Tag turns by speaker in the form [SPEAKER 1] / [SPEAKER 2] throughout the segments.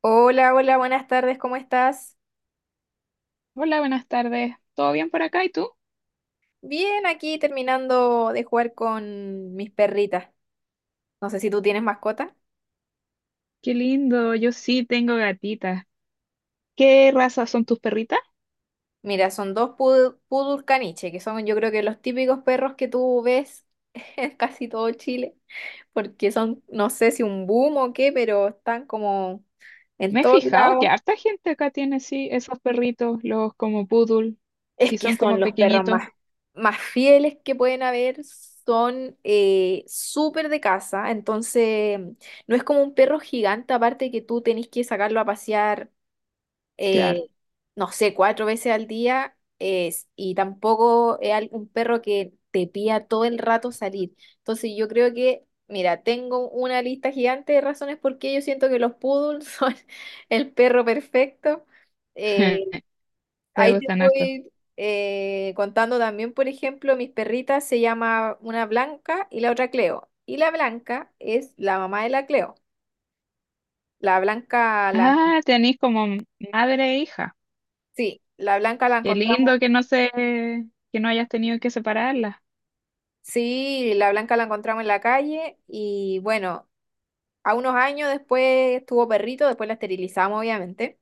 [SPEAKER 1] Hola, hola, buenas tardes, ¿cómo estás?
[SPEAKER 2] Hola, buenas tardes. ¿Todo bien por acá? ¿Y tú?
[SPEAKER 1] Bien, aquí terminando de jugar con mis perritas. No sé si tú tienes mascota.
[SPEAKER 2] Qué lindo, yo sí tengo gatitas. ¿Qué raza son tus perritas?
[SPEAKER 1] Mira, son dos poodle caniche, que son, yo creo que, los típicos perros que tú ves en casi todo Chile, porque son, no sé si un boom o qué, pero están como en
[SPEAKER 2] Me he
[SPEAKER 1] todos
[SPEAKER 2] fijado que
[SPEAKER 1] lados.
[SPEAKER 2] harta gente acá tiene sí esos perritos, los como poodle,
[SPEAKER 1] Es
[SPEAKER 2] y
[SPEAKER 1] que
[SPEAKER 2] son
[SPEAKER 1] son
[SPEAKER 2] como
[SPEAKER 1] los perros
[SPEAKER 2] pequeñitos.
[SPEAKER 1] más, más fieles que pueden haber, son súper de casa, entonces no es como un perro gigante, aparte que tú tenés que sacarlo a pasear,
[SPEAKER 2] Claro,
[SPEAKER 1] eh, no sé, cuatro veces al día, es, y tampoco es un perro que te pida todo el rato salir. Entonces yo creo que, mira, tengo una lista gigante de razones por qué yo siento que los poodles son el perro perfecto. eh,
[SPEAKER 2] te
[SPEAKER 1] Ahí te
[SPEAKER 2] gustan harto.
[SPEAKER 1] voy contando también, por ejemplo, mis perritas se llama una Blanca y la otra Cleo. Y la Blanca es la mamá de la Cleo. La Blanca la, encon-
[SPEAKER 2] Ah, tenés como madre e hija.
[SPEAKER 1] Sí, la Blanca la
[SPEAKER 2] Qué
[SPEAKER 1] encontramos,
[SPEAKER 2] lindo que no se, que no hayas tenido que separarlas.
[SPEAKER 1] sí, la Blanca la encontramos en la calle y bueno, a unos años después tuvo perrito, después la esterilizamos obviamente.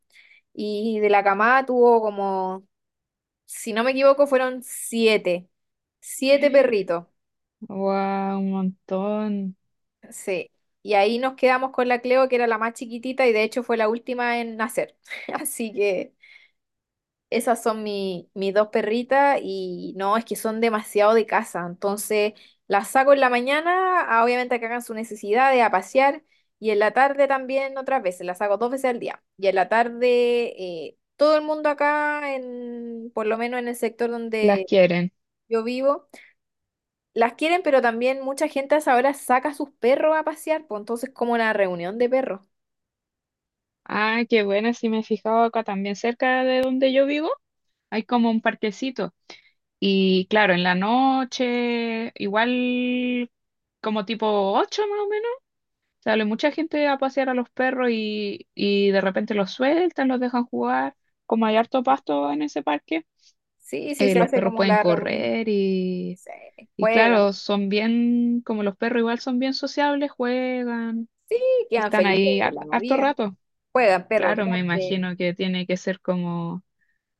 [SPEAKER 1] Y de la camada tuvo como, si no me equivoco, fueron siete, siete perritos.
[SPEAKER 2] Wow, un montón.
[SPEAKER 1] Sí, y ahí nos quedamos con la Cleo, que era la más chiquitita y de hecho fue la última en nacer. Así que esas son mis dos perritas y no, es que son demasiado de casa. Entonces las saco en la mañana, obviamente a que hagan sus necesidades, a pasear, y en la tarde también otras veces, las saco dos veces al día. Y en la tarde todo el mundo acá, en, por lo menos en el sector
[SPEAKER 2] Las
[SPEAKER 1] donde
[SPEAKER 2] quieren.
[SPEAKER 1] yo vivo, las quieren, pero también mucha gente a esa hora saca a sus perros a pasear, pues entonces como una reunión de perros.
[SPEAKER 2] Ah, qué buena, sí me he fijado acá también cerca de donde yo vivo. Hay como un parquecito. Y claro, en la noche, igual como tipo 8 más o menos, sale mucha gente a pasear a los perros y de repente los sueltan, los dejan jugar. Como hay harto pasto en ese parque,
[SPEAKER 1] Sí, sí, se
[SPEAKER 2] los
[SPEAKER 1] hace
[SPEAKER 2] perros
[SPEAKER 1] como
[SPEAKER 2] pueden
[SPEAKER 1] la reunión.
[SPEAKER 2] correr
[SPEAKER 1] Se
[SPEAKER 2] y
[SPEAKER 1] juegan,
[SPEAKER 2] claro, son bien, como los perros igual son bien sociables, juegan
[SPEAKER 1] sí,
[SPEAKER 2] y
[SPEAKER 1] quedan
[SPEAKER 2] están
[SPEAKER 1] felices
[SPEAKER 2] ahí
[SPEAKER 1] de la
[SPEAKER 2] harto
[SPEAKER 1] vida.
[SPEAKER 2] rato.
[SPEAKER 1] Juegan perros
[SPEAKER 2] Claro, me
[SPEAKER 1] grandes.
[SPEAKER 2] imagino que tiene que ser como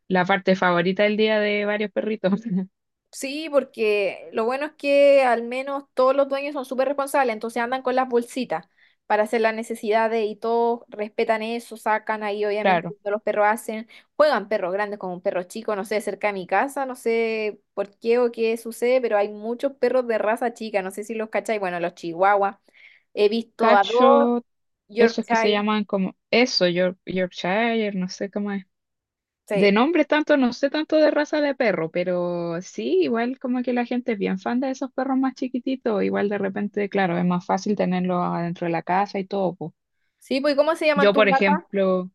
[SPEAKER 2] la parte favorita del día de varios perritos.
[SPEAKER 1] Sí, porque lo bueno es que al menos todos los dueños son súper responsables, entonces andan con las bolsitas para hacer las necesidades y todos respetan eso, sacan ahí obviamente lo
[SPEAKER 2] Claro.
[SPEAKER 1] que los perros hacen, juegan perros grandes con un perro chico, no sé, cerca de mi casa, no sé por qué o qué sucede, pero hay muchos perros de raza chica, no sé si los cacháis, bueno, los chihuahuas, he visto a dos,
[SPEAKER 2] Cacho esos que se
[SPEAKER 1] Yorkshire,
[SPEAKER 2] llaman como eso, Yorkshire, no sé cómo es. De
[SPEAKER 1] sí.
[SPEAKER 2] nombre tanto, no sé tanto de raza de perro, pero sí, igual como que la gente es bien fan de esos perros más chiquititos, igual de repente, claro, es más fácil tenerlos adentro de la casa y todo, po.
[SPEAKER 1] Sí, pues, ¿cómo se llaman
[SPEAKER 2] Yo,
[SPEAKER 1] tus
[SPEAKER 2] por
[SPEAKER 1] gatas?
[SPEAKER 2] ejemplo,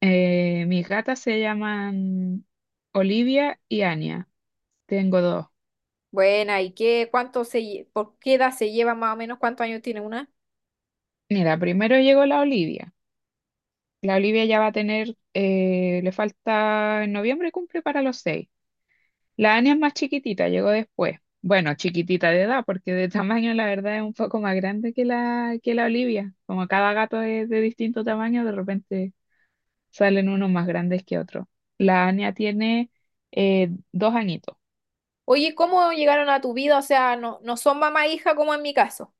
[SPEAKER 2] mis gatas se llaman Olivia y Anya. Tengo dos.
[SPEAKER 1] Buena, ¿y qué, cuánto se, por qué edad se lleva más o menos, cuántos años tiene una?
[SPEAKER 2] Mira, primero llegó la Olivia. La Olivia ya va a tener, le falta, en noviembre cumple para los 6. La Ania es más chiquitita, llegó después. Bueno, chiquitita de edad, porque de tamaño la verdad es un poco más grande que la Olivia. Como cada gato es de distinto tamaño, de repente salen unos más grandes que otros. La Ania tiene 2 añitos.
[SPEAKER 1] Oye, ¿cómo llegaron a tu vida? O sea, no, no son mamá e hija como en mi caso.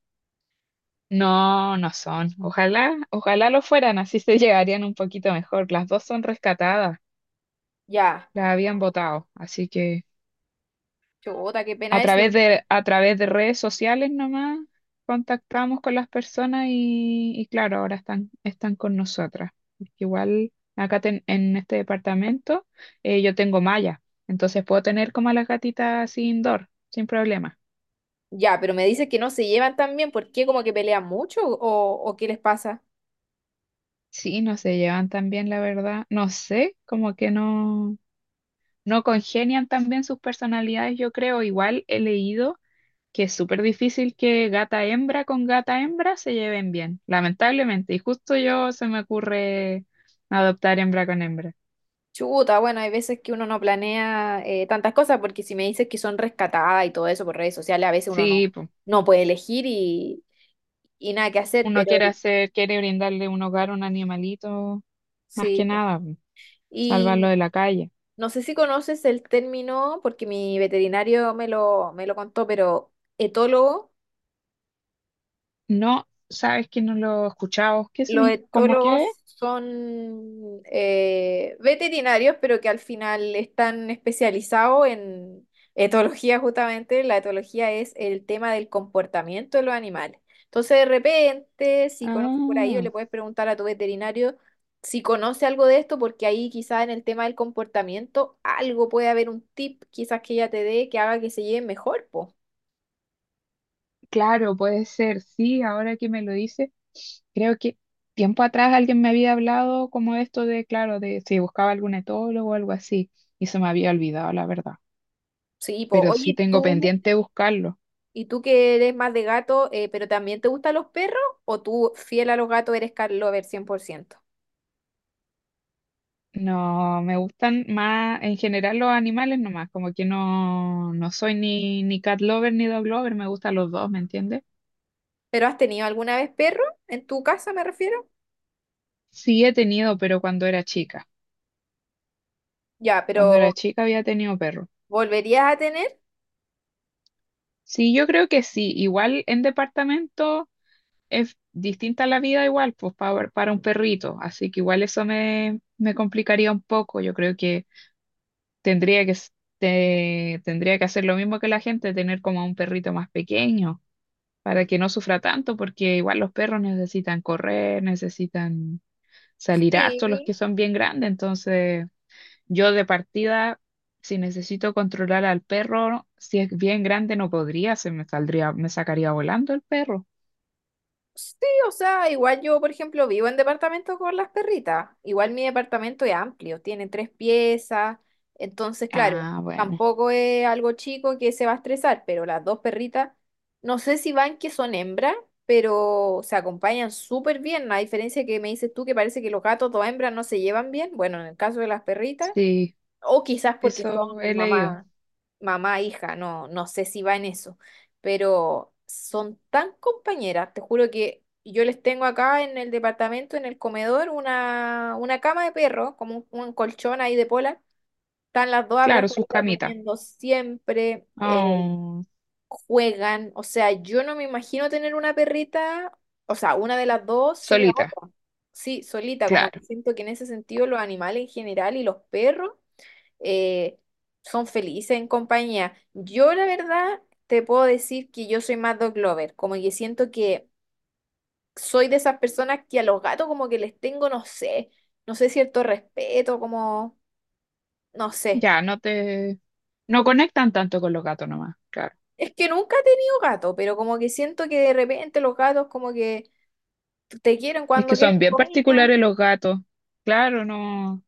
[SPEAKER 2] No, no son. Ojalá, ojalá lo fueran, así se llegarían un poquito mejor. Las dos son rescatadas,
[SPEAKER 1] Ya,
[SPEAKER 2] las habían botado, así que
[SPEAKER 1] chuta, qué
[SPEAKER 2] a
[SPEAKER 1] pena eso.
[SPEAKER 2] través de redes sociales nomás contactamos con las personas y claro, ahora están, están con nosotras. Porque igual acá en este departamento yo tengo malla, entonces puedo tener como a las gatitas así indoor, sin problema.
[SPEAKER 1] Ya, pero me dices que no se llevan tan bien, ¿por qué? ¿Como que pelean mucho o qué les pasa?
[SPEAKER 2] Sí, no se llevan tan bien, la verdad. No sé, como que no congenian tan bien sus personalidades, yo creo. Igual he leído que es súper difícil que gata hembra con gata hembra se lleven bien, lamentablemente. Y justo yo se me ocurre adoptar hembra con hembra.
[SPEAKER 1] Chuta, bueno, hay veces que uno no planea tantas cosas, porque si me dices que son rescatadas y todo eso por redes sociales, a veces uno no,
[SPEAKER 2] Sí, pues,
[SPEAKER 1] no puede elegir y nada que hacer,
[SPEAKER 2] uno
[SPEAKER 1] pero
[SPEAKER 2] quiere hacer, quiere brindarle un hogar a un animalito, más
[SPEAKER 1] sí.
[SPEAKER 2] que
[SPEAKER 1] Po.
[SPEAKER 2] nada, po, salvarlo
[SPEAKER 1] Y
[SPEAKER 2] de la calle.
[SPEAKER 1] no sé si conoces el término, porque mi veterinario me lo contó, pero etólogo.
[SPEAKER 2] No, sabes que no lo escuchamos, ¿qué
[SPEAKER 1] Los
[SPEAKER 2] significa? ¿Cómo
[SPEAKER 1] etólogos
[SPEAKER 2] qué?
[SPEAKER 1] son veterinarios, pero que al final están especializados en etología justamente. La etología es el tema del comportamiento de los animales. Entonces, de repente, si conoces por ahí, o
[SPEAKER 2] Ah,
[SPEAKER 1] le puedes preguntar a tu veterinario si conoce algo de esto, porque ahí quizás en el tema del comportamiento algo puede haber un tip, quizás que ella te dé que haga que se lleven mejor, po.
[SPEAKER 2] claro, puede ser, sí, ahora que me lo dices. Creo que tiempo atrás alguien me había hablado como de esto de, claro, de si buscaba algún etólogo o algo así, y se me había olvidado, la verdad.
[SPEAKER 1] Sí, po.
[SPEAKER 2] Pero sí
[SPEAKER 1] Oye,
[SPEAKER 2] tengo
[SPEAKER 1] tú...
[SPEAKER 2] pendiente buscarlo.
[SPEAKER 1] ¿Y tú que eres más de gato, pero también te gustan los perros? ¿O tú, fiel a los gatos, eres cat lover 100%?
[SPEAKER 2] No, me gustan más en general los animales nomás, como que no, no soy ni cat lover ni dog lover, me gustan los dos, ¿me entiendes?
[SPEAKER 1] ¿Pero has tenido alguna vez perro? ¿En tu casa me refiero?
[SPEAKER 2] Sí he tenido, pero cuando era chica.
[SPEAKER 1] Ya,
[SPEAKER 2] Cuando
[SPEAKER 1] pero
[SPEAKER 2] era chica había tenido perro.
[SPEAKER 1] ¿volverías a tener?
[SPEAKER 2] Sí, yo creo que sí. Igual en departamento. Es distinta la vida igual, pues para un perrito, así que igual eso me complicaría un poco, yo creo que tendría que, tendría que hacer lo mismo que la gente, tener como un perrito más pequeño, para que no sufra tanto, porque igual los perros necesitan correr, necesitan salir harto, los
[SPEAKER 1] Sí.
[SPEAKER 2] que son bien grandes, entonces yo de partida, si necesito controlar al perro, si es bien grande no podría, se me saldría, me sacaría volando el perro.
[SPEAKER 1] Sí, o sea, igual yo, por ejemplo, vivo en departamento con las perritas. Igual mi departamento es amplio, tiene tres piezas. Entonces, claro,
[SPEAKER 2] Ah, bueno.
[SPEAKER 1] tampoco es algo chico que se va a estresar, pero las dos perritas, no sé si van que son hembras, pero se acompañan súper bien. A diferencia que me dices tú que parece que los gatos, dos hembras, no se llevan bien. Bueno, en el caso de las perritas.
[SPEAKER 2] Sí,
[SPEAKER 1] O quizás porque son
[SPEAKER 2] eso he leído.
[SPEAKER 1] mamá, hija, no, no sé si va en eso. Pero son tan compañeras, te juro que yo les tengo acá en el departamento, en el comedor, una cama de perro, como un colchón ahí de pola. Están las dos
[SPEAKER 2] Claro, sus
[SPEAKER 1] abrazaditas
[SPEAKER 2] camitas.
[SPEAKER 1] durmiendo siempre,
[SPEAKER 2] Ah,
[SPEAKER 1] juegan. O sea, yo no me imagino tener una perrita, o sea, una de las dos sin la
[SPEAKER 2] solita,
[SPEAKER 1] otra. Sí, solita, como que
[SPEAKER 2] claro.
[SPEAKER 1] siento que en ese sentido los animales en general y los perros eh, son felices en compañía. Yo, la verdad, te puedo decir que yo soy más dog lover, como que siento que soy de esas personas que a los gatos como que les tengo, no sé, no sé, cierto respeto, como, no sé.
[SPEAKER 2] Ya, no te... No conectan tanto con los gatos nomás, claro.
[SPEAKER 1] Es que nunca he tenido gato, pero como que siento que de repente los gatos como que te quieren
[SPEAKER 2] Es
[SPEAKER 1] cuando
[SPEAKER 2] que son
[SPEAKER 1] quieren
[SPEAKER 2] bien
[SPEAKER 1] comida.
[SPEAKER 2] particulares los gatos. Claro, no.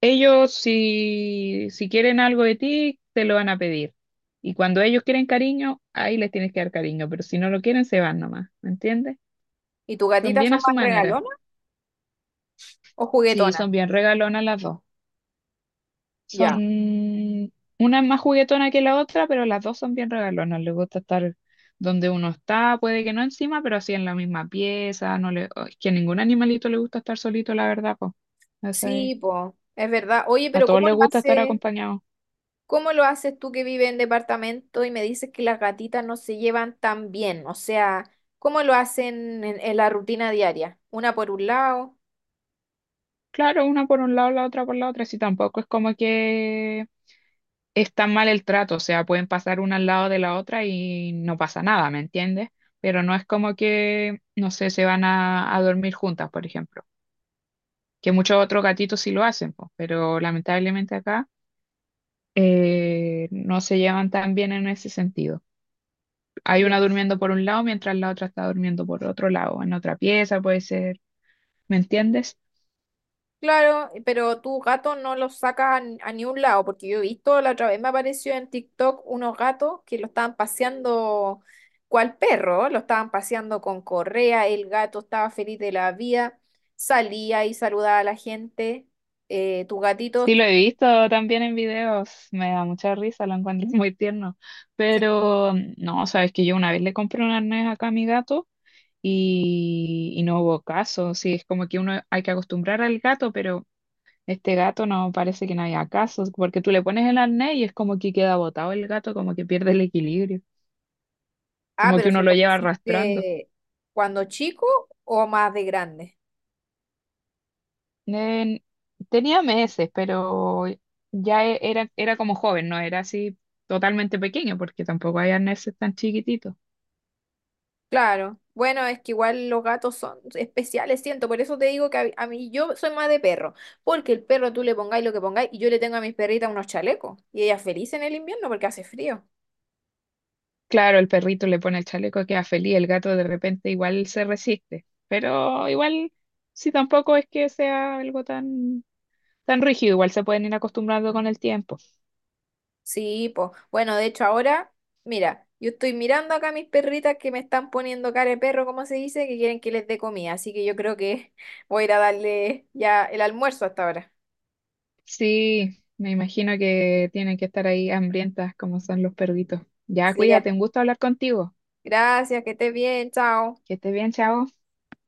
[SPEAKER 2] Ellos si quieren algo de ti, te lo van a pedir. Y cuando ellos quieren cariño, ahí les tienes que dar cariño. Pero si no lo quieren, se van nomás. ¿Me entiendes?
[SPEAKER 1] ¿Y tus
[SPEAKER 2] Son
[SPEAKER 1] gatitas
[SPEAKER 2] bien a
[SPEAKER 1] son
[SPEAKER 2] su
[SPEAKER 1] más
[SPEAKER 2] manera.
[SPEAKER 1] regalonas o
[SPEAKER 2] Sí,
[SPEAKER 1] juguetonas?
[SPEAKER 2] son bien regalonas las dos. Son,
[SPEAKER 1] Ya.
[SPEAKER 2] una es más juguetona que la otra, pero las dos son bien regalonas. Les gusta estar donde uno está, puede que no encima, pero así en la misma pieza. No le, oh, es que a ningún animalito le gusta estar solito, la verdad, pues.
[SPEAKER 1] Sí, po, es verdad. Oye,
[SPEAKER 2] A
[SPEAKER 1] pero
[SPEAKER 2] todos
[SPEAKER 1] ¿cómo
[SPEAKER 2] les
[SPEAKER 1] lo
[SPEAKER 2] gusta estar
[SPEAKER 1] hace?
[SPEAKER 2] acompañados.
[SPEAKER 1] ¿Cómo lo haces tú que vives en departamento y me dices que las gatitas no se llevan tan bien? O sea, ¿cómo lo hacen en la rutina diaria? Una por un lado.
[SPEAKER 2] Claro, una por un lado, la otra por la otra. Sí, tampoco es como que es tan mal el trato. O sea, pueden pasar una al lado de la otra y no pasa nada, ¿me entiendes? Pero no es como que, no sé, se van a dormir juntas, por ejemplo. Que muchos otros gatitos sí lo hacen, pues, pero lamentablemente acá no se llevan tan bien en ese sentido. Hay
[SPEAKER 1] Ya.
[SPEAKER 2] una durmiendo por un lado mientras la otra está durmiendo por otro lado, en otra pieza puede ser, ¿me entiendes?
[SPEAKER 1] Claro, pero tu gato no los saca a ni un lado, porque yo he visto, la otra vez me apareció en TikTok unos gatos que lo estaban paseando cual perro, lo estaban paseando con correa, el gato estaba feliz de la vida, salía y saludaba a la gente. Tus gatitos...
[SPEAKER 2] Sí, lo he visto también en videos, me da mucha risa, lo encuentro muy tierno, pero no, sabes que yo una vez le compré un arnés acá a mi gato y no hubo caso, sí, es como que uno hay que acostumbrar al gato, pero... Este gato no parece que no haya casos, porque tú le pones el arnés y es como que queda botado el gato, como que pierde el equilibrio,
[SPEAKER 1] Ah,
[SPEAKER 2] como que
[SPEAKER 1] pero
[SPEAKER 2] uno
[SPEAKER 1] ¿se
[SPEAKER 2] lo
[SPEAKER 1] lo
[SPEAKER 2] lleva arrastrando.
[SPEAKER 1] pusiste cuando chico o más de grande?
[SPEAKER 2] En- Tenía meses, pero ya era como joven, no era así totalmente pequeño, porque tampoco hay arneses tan chiquititos.
[SPEAKER 1] Claro. Bueno, es que igual los gatos son especiales, siento. Por eso te digo que a mí yo soy más de perro. Porque el perro tú le pongáis lo que pongáis y yo le tengo a mis perritas unos chalecos. Y ella feliz en el invierno porque hace frío.
[SPEAKER 2] Claro, el perrito le pone el chaleco, queda feliz, el gato de repente igual se resiste, pero igual si tampoco es que sea algo tan, tan rígido, igual se pueden ir acostumbrando con el tiempo.
[SPEAKER 1] Sí, pues. Bueno, de hecho ahora, mira, yo estoy mirando acá a mis perritas que me están poniendo cara de perro, como se dice, que quieren que les dé comida. Así que yo creo que voy a ir a darle ya el almuerzo hasta ahora.
[SPEAKER 2] Sí, me imagino que tienen que estar ahí hambrientas como son los perritos. Ya,
[SPEAKER 1] Sí,
[SPEAKER 2] cuídate, un gusto hablar contigo.
[SPEAKER 1] gracias, que estés bien, chao.
[SPEAKER 2] Que estés bien, chao.